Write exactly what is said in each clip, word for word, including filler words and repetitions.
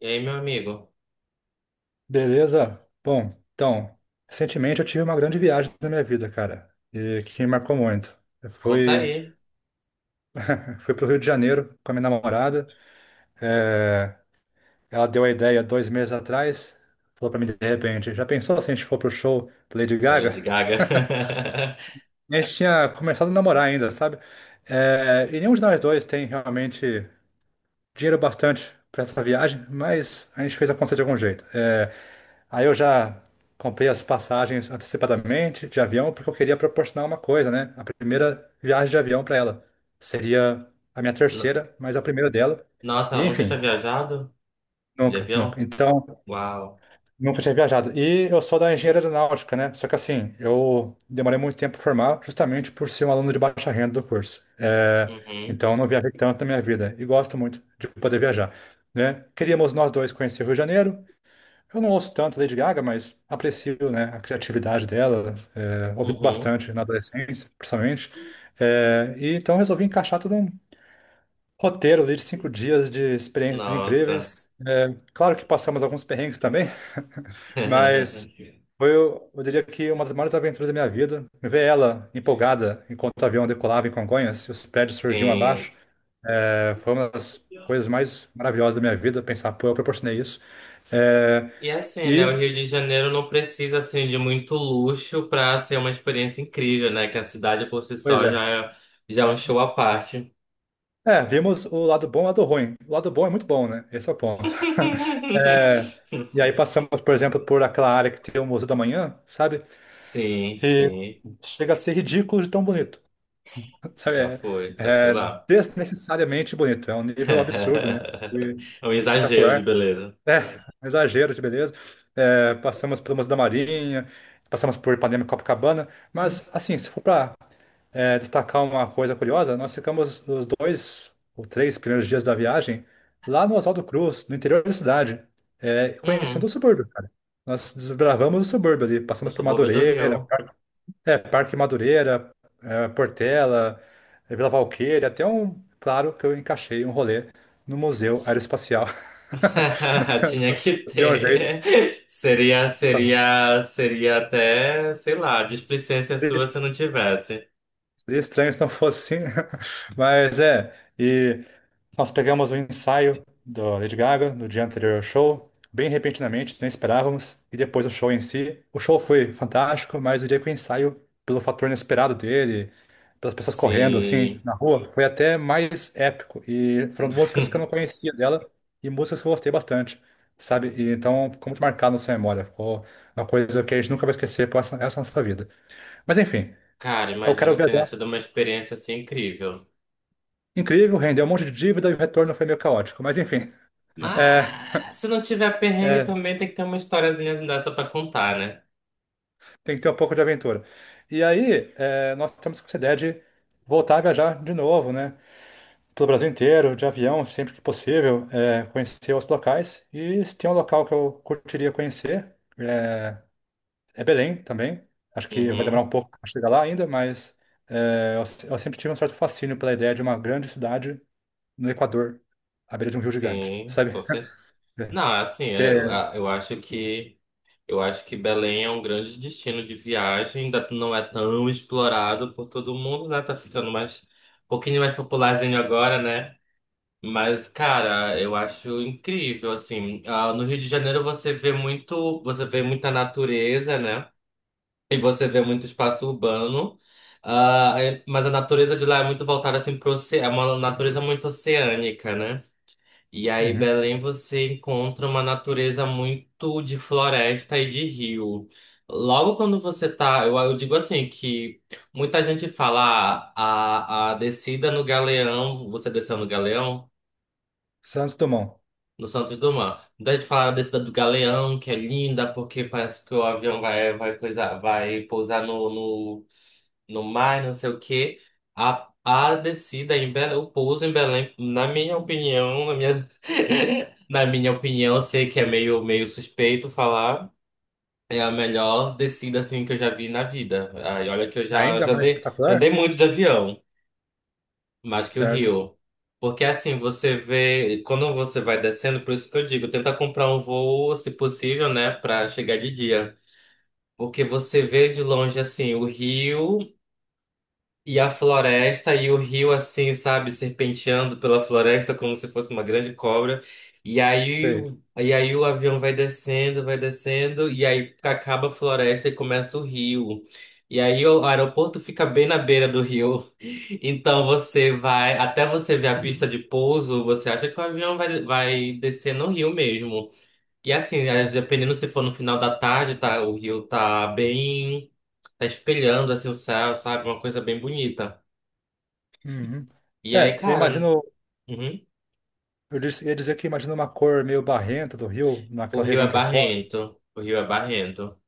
E aí, meu amigo? Beleza? Bom, então, recentemente eu tive uma grande viagem na minha vida, cara, e que me marcou muito. Eu Conta fui, aí, fui pro Rio de Janeiro com a minha namorada. é, Ela deu a ideia dois meses atrás, falou pra mim de repente, já pensou se a gente for pro show da Lady da Lady Gaga? Gaga. E a gente tinha começado a namorar ainda, sabe? É, e nenhum de nós dois tem realmente dinheiro bastante para essa viagem, mas a gente fez acontecer de algum jeito. É, aí eu já comprei as passagens antecipadamente de avião, porque eu queria proporcionar uma coisa, né? A primeira viagem de avião para ela. Seria a minha No- terceira, mas a primeira dela. Nossa, E ela nunca tinha enfim, viajado de nunca, nunca. avião? Então. Uau. Nunca tinha viajado. E eu sou da engenharia aeronáutica, né? Só que assim, eu demorei muito tempo para formar, justamente por ser um aluno de baixa renda do curso. É, Uhum, Então, eu não viajei tanto na minha vida. E gosto muito de poder viajar, né? Queríamos nós dois conhecer o Rio de Janeiro. Eu não ouço tanto Lady Gaga, mas aprecio, né, a criatividade dela. É, ouvi uhum. bastante na adolescência, principalmente. É, e então, resolvi encaixar tudo. Roteiro ali de cinco dias de experiências Nossa. incríveis. É, claro que passamos alguns perrengues também, mas foi, eu diria que uma das maiores aventuras da minha vida. Ver ela empolgada enquanto o avião decolava em Congonhas e os prédios surgiam abaixo, Sim. é, foi uma das coisas mais maravilhosas da minha vida. Pensar, pô, eu proporcionei isso. É, E assim, né? O e, Rio de Janeiro não precisa, assim, de muito luxo pra ser uma experiência incrível, né? Que a cidade por si Pois só já é. é, já é um show à parte. É, vimos o lado bom e o lado ruim. O lado bom é muito bom, né? Esse é o ponto. É, e aí passamos, por exemplo, por aquela área que tem o Museu da Manhã, sabe? Sim, E sim. chega a ser ridículo de tão bonito. Sabe? Já É, foi, já fui É lá. desnecessariamente bonito. É um nível absurdo, né? E É um exagero de espetacular. beleza. É, Um exagero de beleza. É, passamos pelo Museu da Marinha, passamos por Ipanema e Copacabana. Mas, assim, se for para é, destacar uma coisa curiosa, nós ficamos os dois ou três primeiros dias da viagem lá no Oswaldo Cruz, no interior da cidade, é, conhecendo o Hum, subúrbio, cara. Nós desbravamos o subúrbio ali, eu passamos por sou bobo do Madureira, Rio. Par- é, Parque Madureira, é, Portela, é, Vila Valqueira, até um, claro, que eu encaixei um rolê no Museu Aeroespacial. Tinha que Deu um jeito. ter. Seria, seria, seria até, sei lá, displicência sua se não tivesse. Seria estranho se não fosse assim. Mas é, e nós pegamos o ensaio do Lady Gaga no dia anterior ao show, bem repentinamente, nem esperávamos, e depois o show em si. O show foi fantástico, mas o dia que o ensaio, pelo fator inesperado dele, pelas pessoas correndo assim Sim. na rua, foi até mais épico. E foram músicas que eu não conhecia dela e músicas que eu gostei bastante, sabe? E então ficou muito marcado na sua memória, ficou uma coisa que a gente nunca vai esquecer por essa essa nossa vida. Mas enfim, Cara, eu quero imagino que tenha viajar. sido uma experiência assim incrível. Incrível, rendeu um monte de dívida e o retorno foi meio caótico. Mas enfim, é, Mas se não tiver perrengue, é, também tem que ter uma historiazinha dessa pra contar, né? Tem que ter um pouco de aventura. E aí, é, nós estamos com essa ideia de voltar a viajar de novo, né? Pelo Brasil inteiro, de avião, sempre que possível, é, conhecer os locais. E se tem um local que eu curtiria conhecer, é, é Belém também. Acho que vai demorar Uhum, um pouco para chegar lá ainda, mas é, eu, se- eu sempre tive um certo fascínio pela ideia de uma grande cidade no Equador, à beira de um rio gigante, sim, com sabe? certeza. Não, é assim, é, eu, Você. eu acho que eu acho que Belém é um grande destino de viagem, ainda não é tão explorado por todo mundo, né? Tá ficando mais um pouquinho mais popularzinho agora, né? Mas, cara, eu acho incrível, assim. Ah, no Rio de Janeiro você vê muito, você vê muita natureza, né? E você vê muito espaço urbano, ah, é- mas a natureza de lá é muito voltada assim para é uma natureza muito oceânica, né? E aí, Uhum. Belém, você encontra uma natureza muito de floresta e de rio. Logo quando você tá, eu, eu digo assim que muita gente fala ah, a, a descida no Galeão, você desceu no Galeão, Santos Dumont. no Santos Dumont. Muita gente fala a descida do Galeão, que é linda, porque parece que o avião vai, vai coisa, vai pousar no no- no mar, não sei o quê. A, a descida em Belém, o pouso em Belém, na minha opinião, na minha, na minha opinião, eu sei que é meio, meio suspeito falar, é a melhor descida assim que eu já vi na vida. Aí, olha que eu já, Ainda já mais dei, já dei espetacular? muito de avião, mais que o Certo. Rio. Porque assim, você vê, quando você vai descendo, por isso que eu digo, tenta comprar um voo, se possível, né, pra chegar de dia. Porque você vê de longe assim o rio. E a floresta e o rio assim, sabe, serpenteando pela floresta como se fosse uma grande cobra. E aí, Sei. o- e aí o avião vai descendo, vai descendo, e aí acaba a floresta e começa o rio. E aí o aeroporto fica bem na beira do rio. Então você vai, até você ver a pista de pouso, você acha que o avião vai, vai descer no rio mesmo. E assim, às- dependendo se for no final da tarde, tá, o rio tá bem, tá espelhando assim o céu, sabe? Uma coisa bem bonita. Uhum. E aí, É, eu cara, imagino, uhum, eu disse- ia dizer que imagino uma cor meio barrenta do rio, o naquela rio região é de Foz. barrento. O rio é barrento.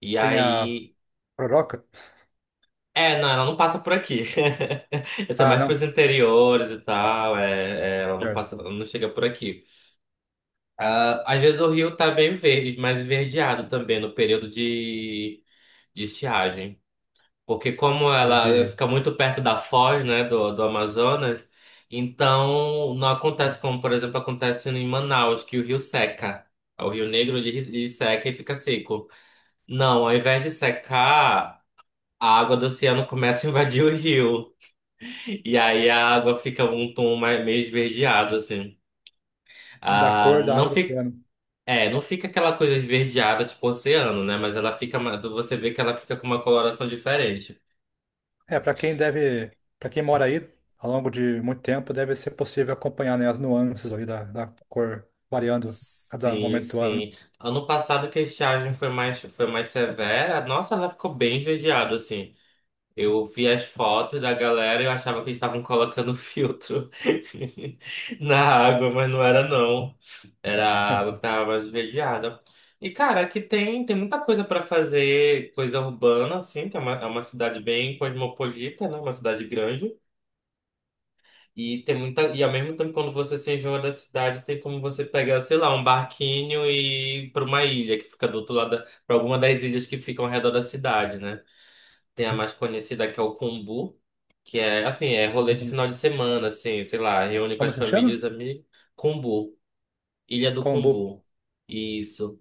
E Tem a aí. Proroca? É, não, ela não passa por aqui. Isso é Ah, mais pros não. interiores e tal. É, é, ela não Certo. passa, ela não chega por aqui. Ah, às vezes o rio tá bem verde, mais esverdeado também no período de, de estiagem. Porque como Por causa ela de, fica muito perto da foz, né, do, do Amazonas, então não acontece como, por exemplo, acontece em Manaus, que o rio seca. O Rio Negro ele, ele seca e fica seco. Não, ao invés de secar, a água do oceano começa a invadir o rio. E aí a água fica um tom mais, meio esverdeado, assim. da cor Ah, da não água do fica, oceano. é, não fica aquela coisa esverdeada tipo oceano, né? Mas ela fica, ma- você vê que ela fica com uma coloração diferente. É, para quem deve, para quem mora aí ao longo de muito tempo, deve ser possível acompanhar, né, as nuances ali da, da cor variando a cada Sim, momento do ano. sim. Ano passado que a estiagem foi mais, foi mais severa, nossa, ela ficou bem esverdeada, assim. Eu vi as fotos da galera e eu achava que eles estavam colocando filtro na água, mas não era não. Era a água que tava mais esverdeada. E, cara, aqui tem, tem muita coisa para fazer, coisa urbana, assim, que é uma, é uma cidade bem cosmopolita, né? Uma cidade grande. E tem muita. E ao mesmo tempo, quando você se enjoa da cidade, tem como você pegar, sei lá, um barquinho e ir para uma ilha que fica do outro lado, para alguma das ilhas que ficam ao redor da cidade, né? Tem a mais conhecida que é o Cumbu, que é assim, é rolê de final de semana, assim, sei lá, reúne com Como as se chama? famílias e os amigos. Cumbu, Ilha do Kombu. Cumbu. Isso.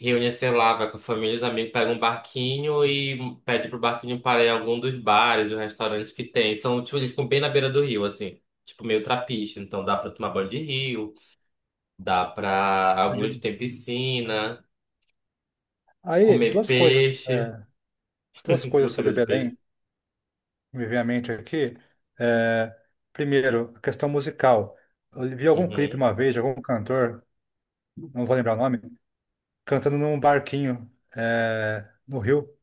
Reúne, sei lá, vai com a família, os amigos, pega um barquinho e pede pro barquinho parar em algum dos bares, os restaurantes que tem. São, tipo, eles ficam bem na beira do rio, assim. Tipo, meio trapiche. Então dá pra tomar banho de rio, dá pra... Alguns Imagino. tem piscina, Aí, comer duas coisas. peixe. é, duas Se coisas você gosta sobre de peixe. Belém me vem à mente aqui. É, Primeiro, a questão musical. Eu vi algum clipe Uhum. uma vez de algum cantor, não vou lembrar o nome, cantando num barquinho, é, no Rio,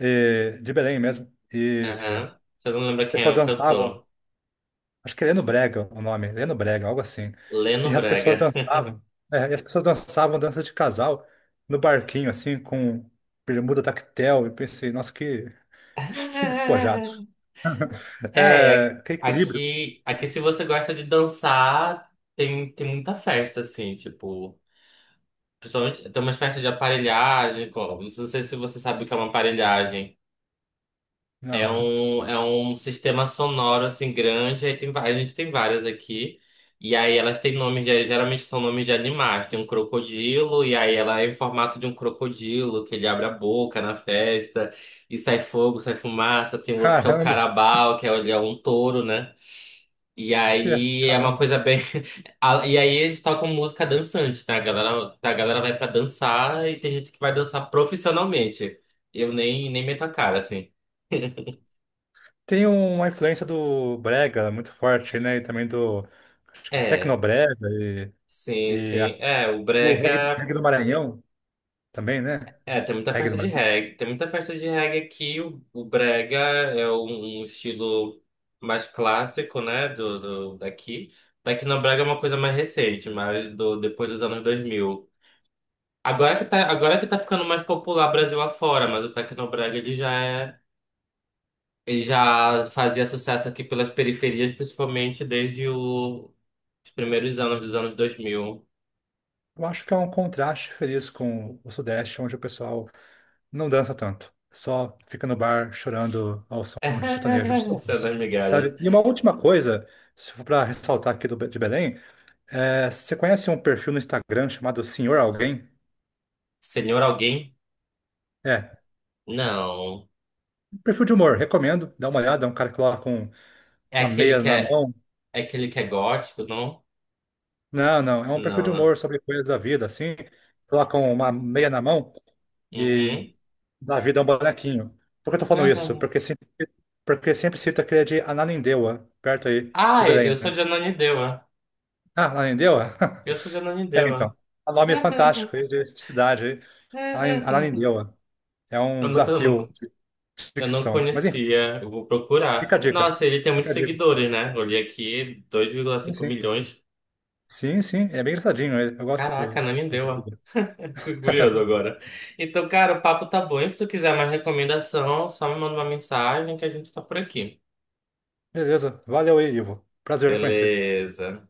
e- de Belém mesmo. E Aham. Você não lembra quem é pessoas o dançavam, cantor? acho que é Leno Brega o nome, Leno Brega, algo assim. Leno E as pessoas Brega. dançavam, é, e as pessoas dançavam danças de casal no barquinho, assim, com bermuda tactel. E pensei, nossa, que, que despojado. É, É, que equilíbrio. aqui, aqui se você gosta de dançar, tem, tem muita festa, assim, tipo... Principalmente, tem umas festas de aparelhagem, como, não sei se você sabe o que é uma aparelhagem. É Não, não. um, é um sistema sonoro, assim, grande, aí tem, va- a gente tem várias aqui, e aí elas têm nomes, de, geralmente são nomes de animais, tem um crocodilo, e aí ela é em formato de um crocodilo, que ele abre a boca na festa, e sai fogo, sai fumaça, tem outro que é o Caramba. carabao, que é, ele é um touro, né? E Que é, aí é uma caramba. coisa bem. a- E aí eles tocam música dançante, tá? A galera, a galera vai pra dançar e tem gente que vai dançar profissionalmente. Eu nem, nem meto a cara, assim. Tem uma influência do brega muito forte, né? E também do, acho que É, tecnobrega e, sim, e, sim. a- É, o e o reggae, do Brega. reggae do Maranhão também, né? É, tem muita Reggae do festa de Maranhão. reggae. Tem muita festa de reggae aqui. O, o Brega é um, um estilo mais clássico, né? Do, do, daqui. Daqui no Brega é uma coisa mais recente, mas do, depois dos anos dois mil. Agora que tá, agora que tá ficando mais popular Brasil afora, mas o Tecnobrega ele já é, ele já fazia sucesso aqui pelas periferias, principalmente desde o- os primeiros anos dos anos dois mil. Eu acho que é um contraste feliz com o Sudeste, onde o pessoal não dança tanto. Só fica no bar chorando ao som de sertanejo de São sofrência, das migalhas. sabe? E uma última coisa, se for para ressaltar aqui do, Be- de Belém, é, você conhece um perfil no Instagram chamado Senhor Alguém? Senhor alguém? É. Não. Perfil de humor, recomendo. Dá uma olhada, é um cara que coloca um- É uma aquele meia que na é, mão. é aquele que é gótico, não? Não, não, é um perfil Não, de né? humor sobre coisas da vida, assim. Colocam uma meia na mão e Uhum. dá vida a um bonequinho. Por que eu tô falando isso? Porque sempre, porque sempre cita aquele de Ananindeua, perto aí de Ah, eu Belém, eu sou né? de Ananindeua. Ah, Ananindeua? Eu sou de É, então. Ananindeua. O nome é fantástico aí de cidade aí. Ana- Ananindeua. É um Eu nunca, eu nunca, desafio de eu não ficção. Mas enfim, conhecia, eu vou fica a procurar. dica. Nossa, ele tem Fica muitos a dica. seguidores, né? Olhei aqui, dois vírgula Sim, cinco sim. milhões. Sim, sim, é bem engraçadinho ele. Eu gosto do, Caraca, não me do, deu. do- Ó. do- Fico curioso agora. Então, cara, o papo tá bom. E se tu quiser mais recomendação, só me manda uma mensagem que a gente tá por aqui. Beleza, valeu aí, Ivo. Prazer em conhecer. Beleza.